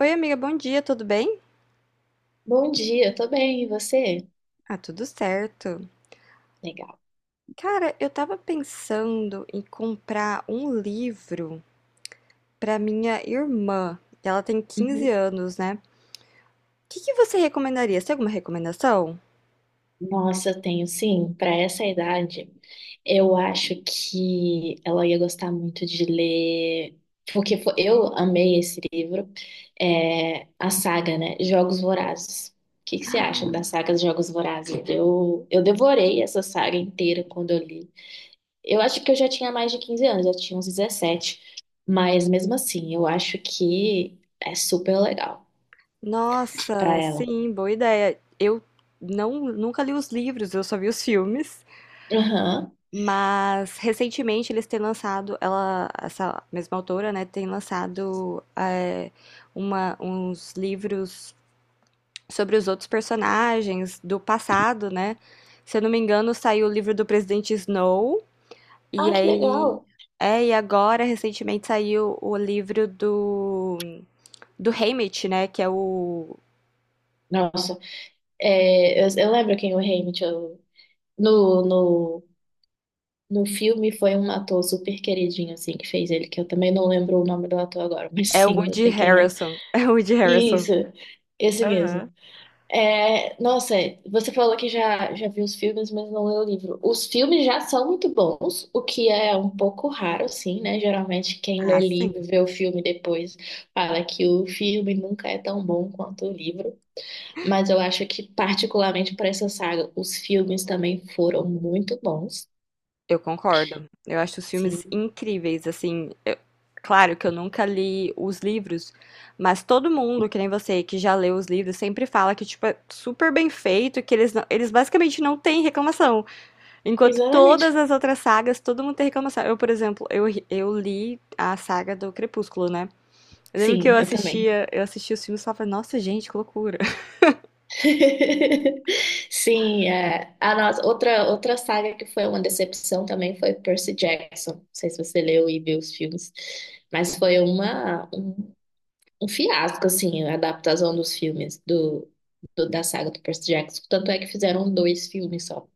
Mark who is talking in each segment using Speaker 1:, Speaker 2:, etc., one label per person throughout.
Speaker 1: Oi, amiga, bom dia, tudo bem?
Speaker 2: Bom dia, tô bem, e você?
Speaker 1: Ah, tudo certo.
Speaker 2: Legal.
Speaker 1: Cara, eu tava pensando em comprar um livro pra minha irmã. Ela tem 15
Speaker 2: Uhum.
Speaker 1: anos, né? O que que você recomendaria? Você tem alguma recomendação?
Speaker 2: Nossa, eu tenho sim, para essa idade, eu acho que ela ia gostar muito de ler, porque eu amei esse livro, é, a saga, né? Jogos Vorazes. O que que você acha da saga dos Jogos Vorazes? Eu devorei essa saga inteira quando eu li. Eu acho que eu já tinha mais de 15 anos, já tinha uns 17, mas mesmo assim, eu acho que é super legal para
Speaker 1: Nossa,
Speaker 2: ela.
Speaker 1: sim, boa ideia. Eu não, nunca li os livros, eu só vi os filmes.
Speaker 2: Aham.
Speaker 1: Mas recentemente eles têm lançado, ela, essa mesma autora, né, tem lançado uma, uns livros sobre os outros personagens do passado, né? Se eu não me engano, saiu o livro do Presidente Snow, e
Speaker 2: Ah, que
Speaker 1: aí.
Speaker 2: legal.
Speaker 1: É, e agora, recentemente, saiu o livro do, do Haymitch, né? Que é o.
Speaker 2: Nossa, é, eu lembro quem o Rei Mitchell no, no, no filme foi um ator super queridinho, assim, que fez ele, que eu também não lembro o nome do ator agora, mas
Speaker 1: É o
Speaker 2: sim, eu
Speaker 1: Woody
Speaker 2: sei quem é.
Speaker 1: Harrelson. É o Woody Harrelson.
Speaker 2: Isso, esse mesmo.
Speaker 1: Aham.
Speaker 2: É, nossa, você falou que já viu os filmes, mas não leu o livro. Os filmes já são muito bons, o que é um pouco raro, sim, né? Geralmente quem lê
Speaker 1: Ah, sim.
Speaker 2: livro e vê o filme depois fala que o filme nunca é tão bom quanto o livro. Mas eu acho que, particularmente para essa saga, os filmes também foram muito bons.
Speaker 1: Eu concordo. Eu acho os filmes
Speaker 2: Sim,
Speaker 1: incríveis, assim. Claro que eu nunca li os livros, mas todo mundo, que nem você, que já leu os livros, sempre fala que, tipo, é super bem feito, que eles, eles basicamente não têm reclamação. Enquanto todas
Speaker 2: exatamente.
Speaker 1: as outras sagas, todo mundo tem reclamação. Eu, por exemplo, eu, eu li a saga do Crepúsculo, né? Eu lembro que
Speaker 2: Sim, eu também.
Speaker 1: eu assistia os filmes e falava, nossa, gente, que loucura.
Speaker 2: Sim, é. A nossa, outra saga que foi uma decepção também foi Percy Jackson. Não sei se você leu e viu os filmes, mas foi um fiasco, assim, a adaptação dos filmes da saga do Percy Jackson. Tanto é que fizeram dois filmes só.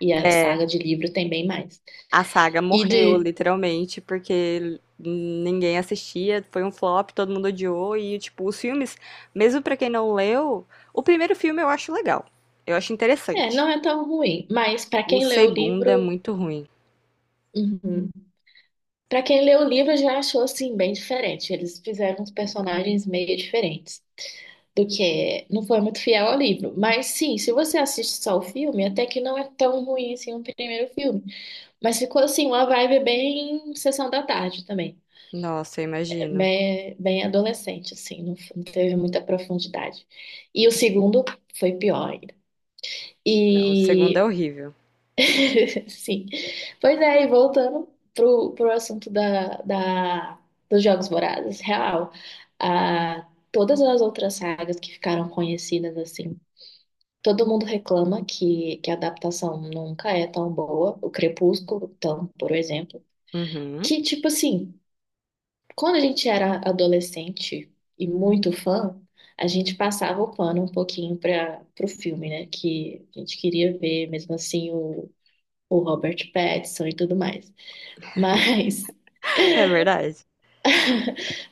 Speaker 2: E a saga de livro tem bem mais.
Speaker 1: A saga
Speaker 2: E
Speaker 1: morreu,
Speaker 2: de,
Speaker 1: literalmente, porque ninguém assistia, foi um flop, todo mundo odiou e, tipo, os filmes, mesmo pra quem não leu, o primeiro filme eu acho legal, eu acho
Speaker 2: É,
Speaker 1: interessante.
Speaker 2: não é tão ruim, mas para
Speaker 1: O
Speaker 2: quem lê o
Speaker 1: segundo é
Speaker 2: livro,
Speaker 1: muito ruim.
Speaker 2: uhum. Para quem lê o livro já achou assim bem diferente. Eles fizeram uns personagens meio diferentes do que é. Não foi muito fiel ao livro. Mas sim, se você assiste só o filme, até que não é tão ruim assim o primeiro filme, mas ficou assim uma vibe bem sessão da tarde também.
Speaker 1: Nossa, eu
Speaker 2: É
Speaker 1: imagino.
Speaker 2: bem, bem adolescente assim, não, não teve muita profundidade. E o segundo foi pior ainda.
Speaker 1: Não, o segundo é
Speaker 2: E
Speaker 1: horrível.
Speaker 2: sim. Pois é, e voltando pro assunto dos Jogos Vorazes, real, ah, todas as outras sagas que ficaram conhecidas, assim, todo mundo reclama que a adaptação nunca é tão boa, o Crepúsculo, então, por exemplo,
Speaker 1: Uhum.
Speaker 2: que, tipo assim, quando a gente era adolescente e muito fã, a gente passava o pano um pouquinho para pro filme, né, que a gente queria ver, mesmo assim, o Robert Pattinson e tudo mais. Mas,
Speaker 1: É verdade.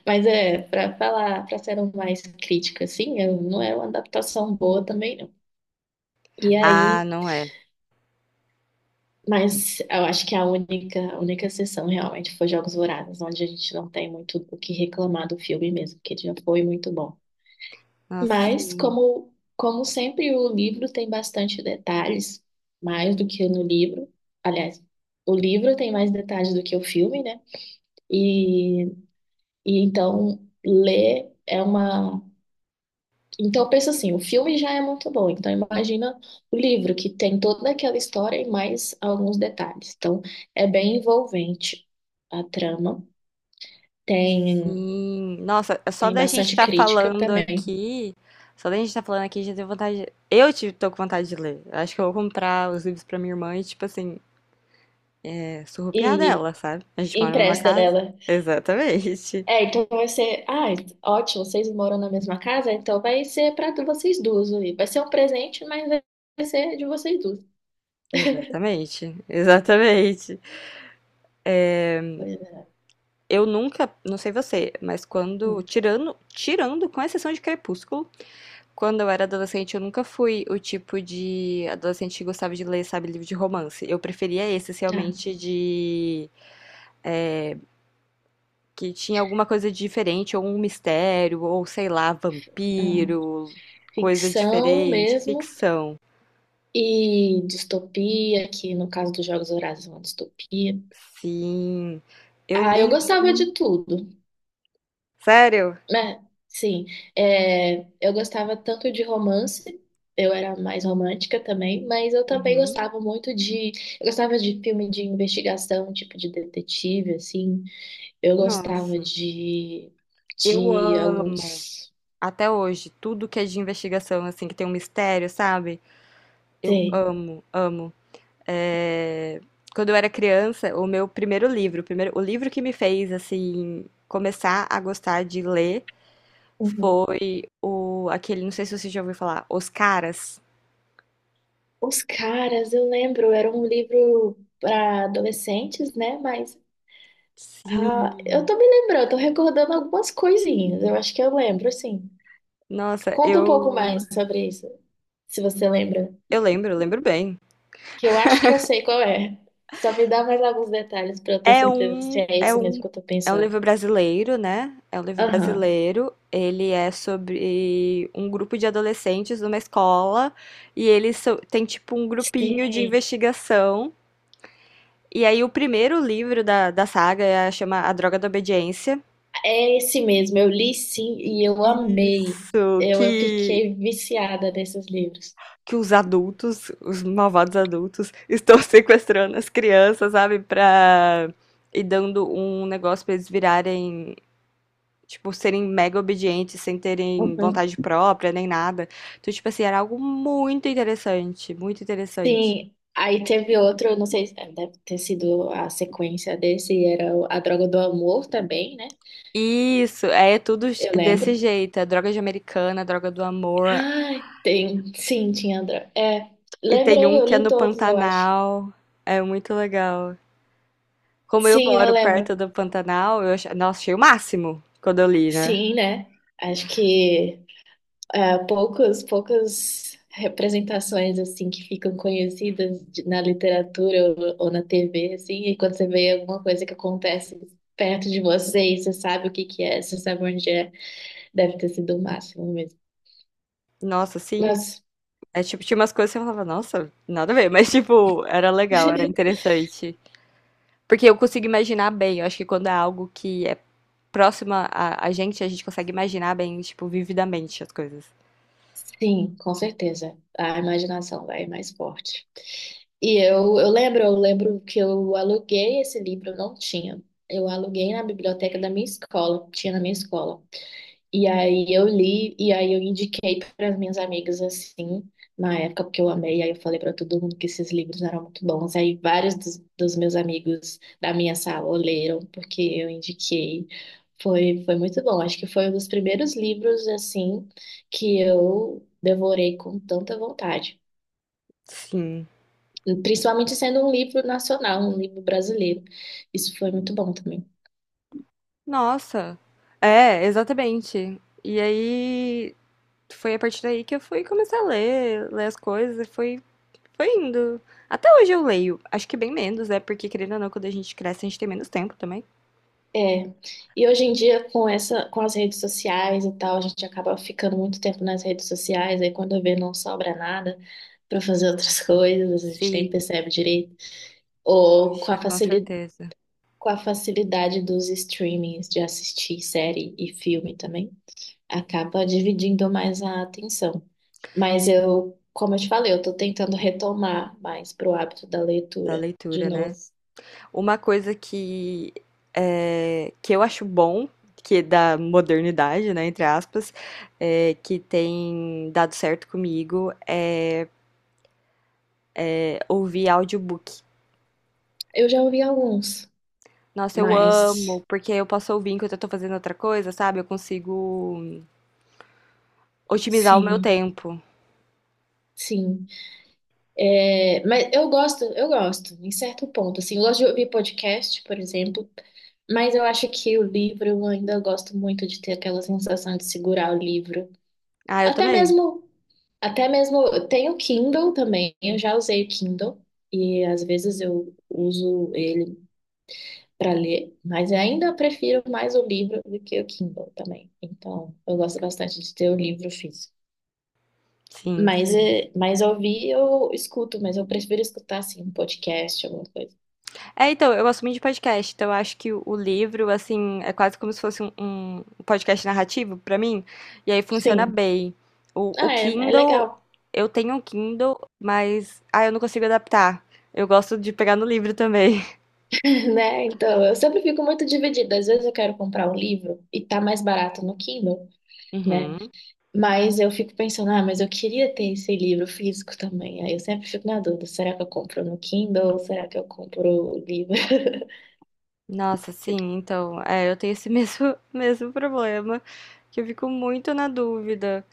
Speaker 2: mas é, para falar, para ser um mais crítica, assim, não é uma adaptação boa também, não. E
Speaker 1: Ah,
Speaker 2: aí,
Speaker 1: não é.
Speaker 2: mas eu acho que a única exceção realmente foi Jogos Vorazes, onde a gente não tem muito o que reclamar do filme mesmo, porque ele já foi muito bom.
Speaker 1: Nossa,
Speaker 2: Mas,
Speaker 1: sim.
Speaker 2: como sempre, o livro tem bastante detalhes, mais do que no livro. Aliás, o livro tem mais detalhes do que o filme, né? E, e então, ler é uma. Então, eu penso assim, o filme já é muito bom. Então, imagina o livro, que tem toda aquela história e mais alguns detalhes. Então, é bem envolvente a trama. Tem,
Speaker 1: Sim. Nossa, é só
Speaker 2: tem
Speaker 1: da gente
Speaker 2: bastante
Speaker 1: estar
Speaker 2: crítica
Speaker 1: falando
Speaker 2: também.
Speaker 1: aqui, só da gente estar falando aqui, já tenho vontade. Eu tive, tô com vontade de ler. Eu Acho que eu vou comprar os livros pra minha irmã e, tipo assim, é,
Speaker 2: E
Speaker 1: surrupiar dela, sabe? A gente mora na mesma
Speaker 2: empresta
Speaker 1: casa.
Speaker 2: dela.
Speaker 1: Exatamente.
Speaker 2: É, então vai ser... Ah, ótimo, vocês moram na mesma casa, então vai ser para vocês duas. Aí. Vai ser um presente, mas vai ser de vocês duas.
Speaker 1: Exatamente. Exatamente.
Speaker 2: Pois é.
Speaker 1: Eu nunca, não sei você, mas quando,
Speaker 2: Hum.
Speaker 1: tirando, com exceção de Crepúsculo, quando eu era adolescente, eu nunca fui o tipo de adolescente que gostava de ler, sabe, livro de romance. Eu preferia esses
Speaker 2: Ah,
Speaker 1: realmente de que tinha alguma coisa diferente, ou um mistério, ou sei lá,
Speaker 2: ah,
Speaker 1: vampiro, coisa
Speaker 2: ficção
Speaker 1: diferente,
Speaker 2: mesmo.
Speaker 1: ficção.
Speaker 2: E distopia, que no caso dos Jogos Vorazes é uma distopia.
Speaker 1: Sim, eu
Speaker 2: Ah, eu
Speaker 1: li
Speaker 2: gostava
Speaker 1: um.
Speaker 2: de tudo,
Speaker 1: Sério?
Speaker 2: né? Sim, é, eu gostava tanto de romance, eu era mais romântica também, mas eu também
Speaker 1: Uhum.
Speaker 2: gostava muito de. Eu gostava de filme de investigação, tipo de detetive, assim. Eu gostava
Speaker 1: Nossa, eu
Speaker 2: de
Speaker 1: amo
Speaker 2: alguns.
Speaker 1: até hoje tudo que é de investigação, assim, que tem um mistério, sabe? Eu
Speaker 2: Sim.
Speaker 1: amo, amo. É, quando eu era criança, o meu primeiro livro, o primeiro, o livro que me fez assim começar a gostar de ler
Speaker 2: Uhum.
Speaker 1: foi o aquele, não sei se você já ouviu falar, Os Caras.
Speaker 2: Os caras, eu lembro, era um livro para adolescentes, né? Mas ah, eu
Speaker 1: Sim.
Speaker 2: tô me lembrando, eu tô recordando algumas coisinhas. Eu acho que eu lembro, sim.
Speaker 1: Nossa,
Speaker 2: Conta um pouco mais sobre isso, se você lembra.
Speaker 1: eu lembro bem.
Speaker 2: Que eu acho que eu sei qual é. Só me dá mais alguns detalhes pra eu ter
Speaker 1: É
Speaker 2: certeza se
Speaker 1: um
Speaker 2: é
Speaker 1: é
Speaker 2: isso mesmo
Speaker 1: um
Speaker 2: que eu tô
Speaker 1: é um
Speaker 2: pensando.
Speaker 1: livro brasileiro, né? É um livro
Speaker 2: Aham.
Speaker 1: brasileiro. Ele é sobre um grupo de adolescentes numa escola e eles têm tipo um grupinho de
Speaker 2: Sei.
Speaker 1: investigação. E aí o primeiro livro da saga é, chama A Droga da Obediência.
Speaker 2: É esse mesmo. Eu li sim e eu amei.
Speaker 1: Isso,
Speaker 2: Eu fiquei viciada nesses livros.
Speaker 1: que os adultos, os malvados adultos, estão sequestrando as crianças, sabe? Pra. E dando um negócio pra eles virarem. Tipo, serem mega obedientes, sem terem
Speaker 2: Uhum.
Speaker 1: vontade própria, nem nada. Então, tipo assim, era algo muito interessante, muito interessante.
Speaker 2: Sim. Aí teve outro, eu não sei, deve ter sido a sequência desse, era o A Droga do Amor também, né?
Speaker 1: Isso, é tudo
Speaker 2: Eu
Speaker 1: desse
Speaker 2: lembro.
Speaker 1: jeito. É droga de americana, droga do amor.
Speaker 2: Ai, tem. Sim, tinha Andra é,
Speaker 1: E tem
Speaker 2: lembrei,
Speaker 1: um
Speaker 2: eu
Speaker 1: que é
Speaker 2: li
Speaker 1: no
Speaker 2: todos, eu acho.
Speaker 1: Pantanal. É muito legal. Como eu
Speaker 2: Sim, eu
Speaker 1: moro perto
Speaker 2: lembro.
Speaker 1: do Pantanal, eu achei, nossa, achei o máximo quando eu li, né?
Speaker 2: Sim, né? Acho que é, poucos, poucas representações assim que ficam conhecidas na literatura ou na TV, assim, e quando você vê alguma coisa que acontece perto de você e você sabe o que que é, você sabe onde é, deve ter sido o máximo mesmo.
Speaker 1: Nossa, sim.
Speaker 2: Nossa,
Speaker 1: É, tipo, tinha umas coisas que eu falava, nossa, nada a ver, mas, tipo, era legal, era interessante. Porque eu consigo imaginar bem, eu acho que quando é algo que é próximo a, a gente consegue imaginar bem, tipo, vividamente as coisas.
Speaker 2: sim, com certeza. A imaginação vai mais forte. E eu lembro, eu lembro que eu aluguei esse livro, eu não tinha. Eu aluguei na biblioteca da minha escola, tinha na minha escola. E aí eu li, e aí eu indiquei para as minhas amigas assim, na época, porque eu amei, aí eu falei para todo mundo que esses livros eram muito bons. Aí vários dos meus amigos da minha sala leram, porque eu indiquei. Foi, foi muito bom. Acho que foi um dos primeiros livros assim que eu devorei com tanta vontade.
Speaker 1: Sim.
Speaker 2: Principalmente sendo um livro nacional, um livro brasileiro. Isso foi muito bom também.
Speaker 1: Nossa. É, exatamente. E aí, foi a partir daí que eu fui começar a ler, ler as coisas, e foi, foi indo. Até hoje eu leio, acho que bem menos, é porque, querendo ou não, quando a gente cresce, a gente tem menos tempo também.
Speaker 2: É. E hoje em dia, com as redes sociais e tal, a gente acaba ficando muito tempo nas redes sociais, aí quando vê não sobra nada para fazer outras coisas, a gente nem
Speaker 1: Sim,
Speaker 2: percebe direito. Ou
Speaker 1: poxa, com certeza.
Speaker 2: com a facilidade dos streamings de assistir série e filme também. Acaba dividindo mais a atenção. Mas eu, como eu te falei, eu tô tentando retomar mais pro hábito da
Speaker 1: Da
Speaker 2: leitura de
Speaker 1: leitura,
Speaker 2: novo.
Speaker 1: né? Uma coisa que, que eu acho bom, que é da modernidade, né, entre aspas, que tem dado certo comigo, é, é ouvir audiobook.
Speaker 2: Eu já ouvi alguns,
Speaker 1: Nossa, eu
Speaker 2: mas
Speaker 1: amo, porque eu posso ouvir enquanto eu tô fazendo outra coisa, sabe? Eu consigo otimizar o meu
Speaker 2: sim,
Speaker 1: tempo.
Speaker 2: sim. É, mas eu gosto, em certo ponto. Assim, eu gosto de ouvir podcast, por exemplo, mas eu acho que o livro eu ainda gosto muito de ter aquela sensação de segurar o livro.
Speaker 1: Ah, eu
Speaker 2: Até
Speaker 1: também.
Speaker 2: mesmo Até mesmo, eu tenho Kindle também, eu já usei o Kindle e às vezes eu uso ele para ler, mas eu ainda prefiro mais o livro do que o Kindle também. Então, eu gosto bastante de ter o livro físico.
Speaker 1: Sim,
Speaker 2: Mas,
Speaker 1: sim.
Speaker 2: é, mas ouvir eu escuto, mas eu prefiro escutar assim, um podcast, alguma coisa.
Speaker 1: É, então, eu gosto muito de podcast, então eu acho que o livro, assim, é quase como se fosse um, um podcast narrativo pra mim, e aí funciona
Speaker 2: Sim,
Speaker 1: bem. O
Speaker 2: ah, é, é
Speaker 1: Kindle,
Speaker 2: legal,
Speaker 1: eu tenho um Kindle, mas, ah, eu não consigo adaptar. Eu gosto de pegar no livro também.
Speaker 2: né? Então, eu sempre fico muito dividida. Às vezes eu quero comprar um livro e tá mais barato no Kindle, né?
Speaker 1: Uhum.
Speaker 2: Mas eu fico pensando, ah, mas eu queria ter esse livro físico também. Aí eu sempre fico na dúvida, será que eu compro no Kindle ou será que eu compro o livro?
Speaker 1: Nossa, sim, então, é, eu tenho esse mesmo, mesmo problema, que eu fico muito na dúvida.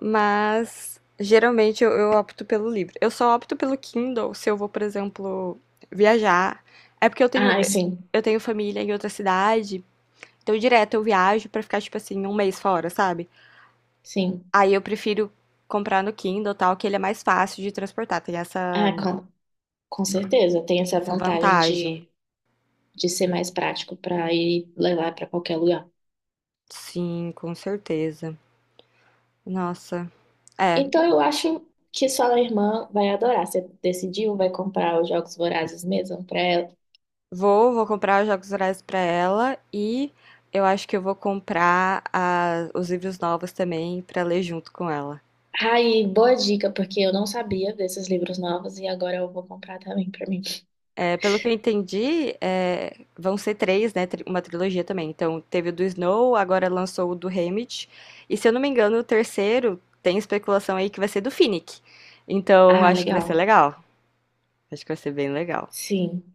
Speaker 1: Mas geralmente eu opto pelo livro. Eu só opto pelo Kindle se eu vou, por exemplo, viajar. É porque
Speaker 2: Ah, sim,
Speaker 1: eu tenho família em outra cidade, então direto eu viajo pra ficar, tipo assim, um mês fora, sabe?
Speaker 2: sim.
Speaker 1: Aí eu prefiro comprar no Kindle, tal, que ele é mais fácil de transportar, tem essa,
Speaker 2: Ah, com, com certeza, tem essa
Speaker 1: essa
Speaker 2: vantagem
Speaker 1: vantagem.
Speaker 2: de ser mais prático para ir levar para qualquer lugar.
Speaker 1: Sim, com certeza. Nossa, é.
Speaker 2: Então eu acho que sua irmã vai adorar. Você decidiu, vai comprar os Jogos Vorazes mesmo para ela.
Speaker 1: Vou comprar os Jogos Vorazes pra ela e eu acho que eu vou comprar os livros novos também pra ler junto com ela.
Speaker 2: Ai, boa dica, porque eu não sabia desses livros novos e agora eu vou comprar também para mim.
Speaker 1: É, pelo que eu entendi, é, vão ser três, né? Uma trilogia também. Então, teve o do Snow, agora lançou o do Haymitch. E se eu não me engano, o terceiro tem especulação aí que vai ser do Finnick. Então,
Speaker 2: Ah,
Speaker 1: acho que vai ser
Speaker 2: legal.
Speaker 1: legal. Acho que vai ser bem legal.
Speaker 2: Sim.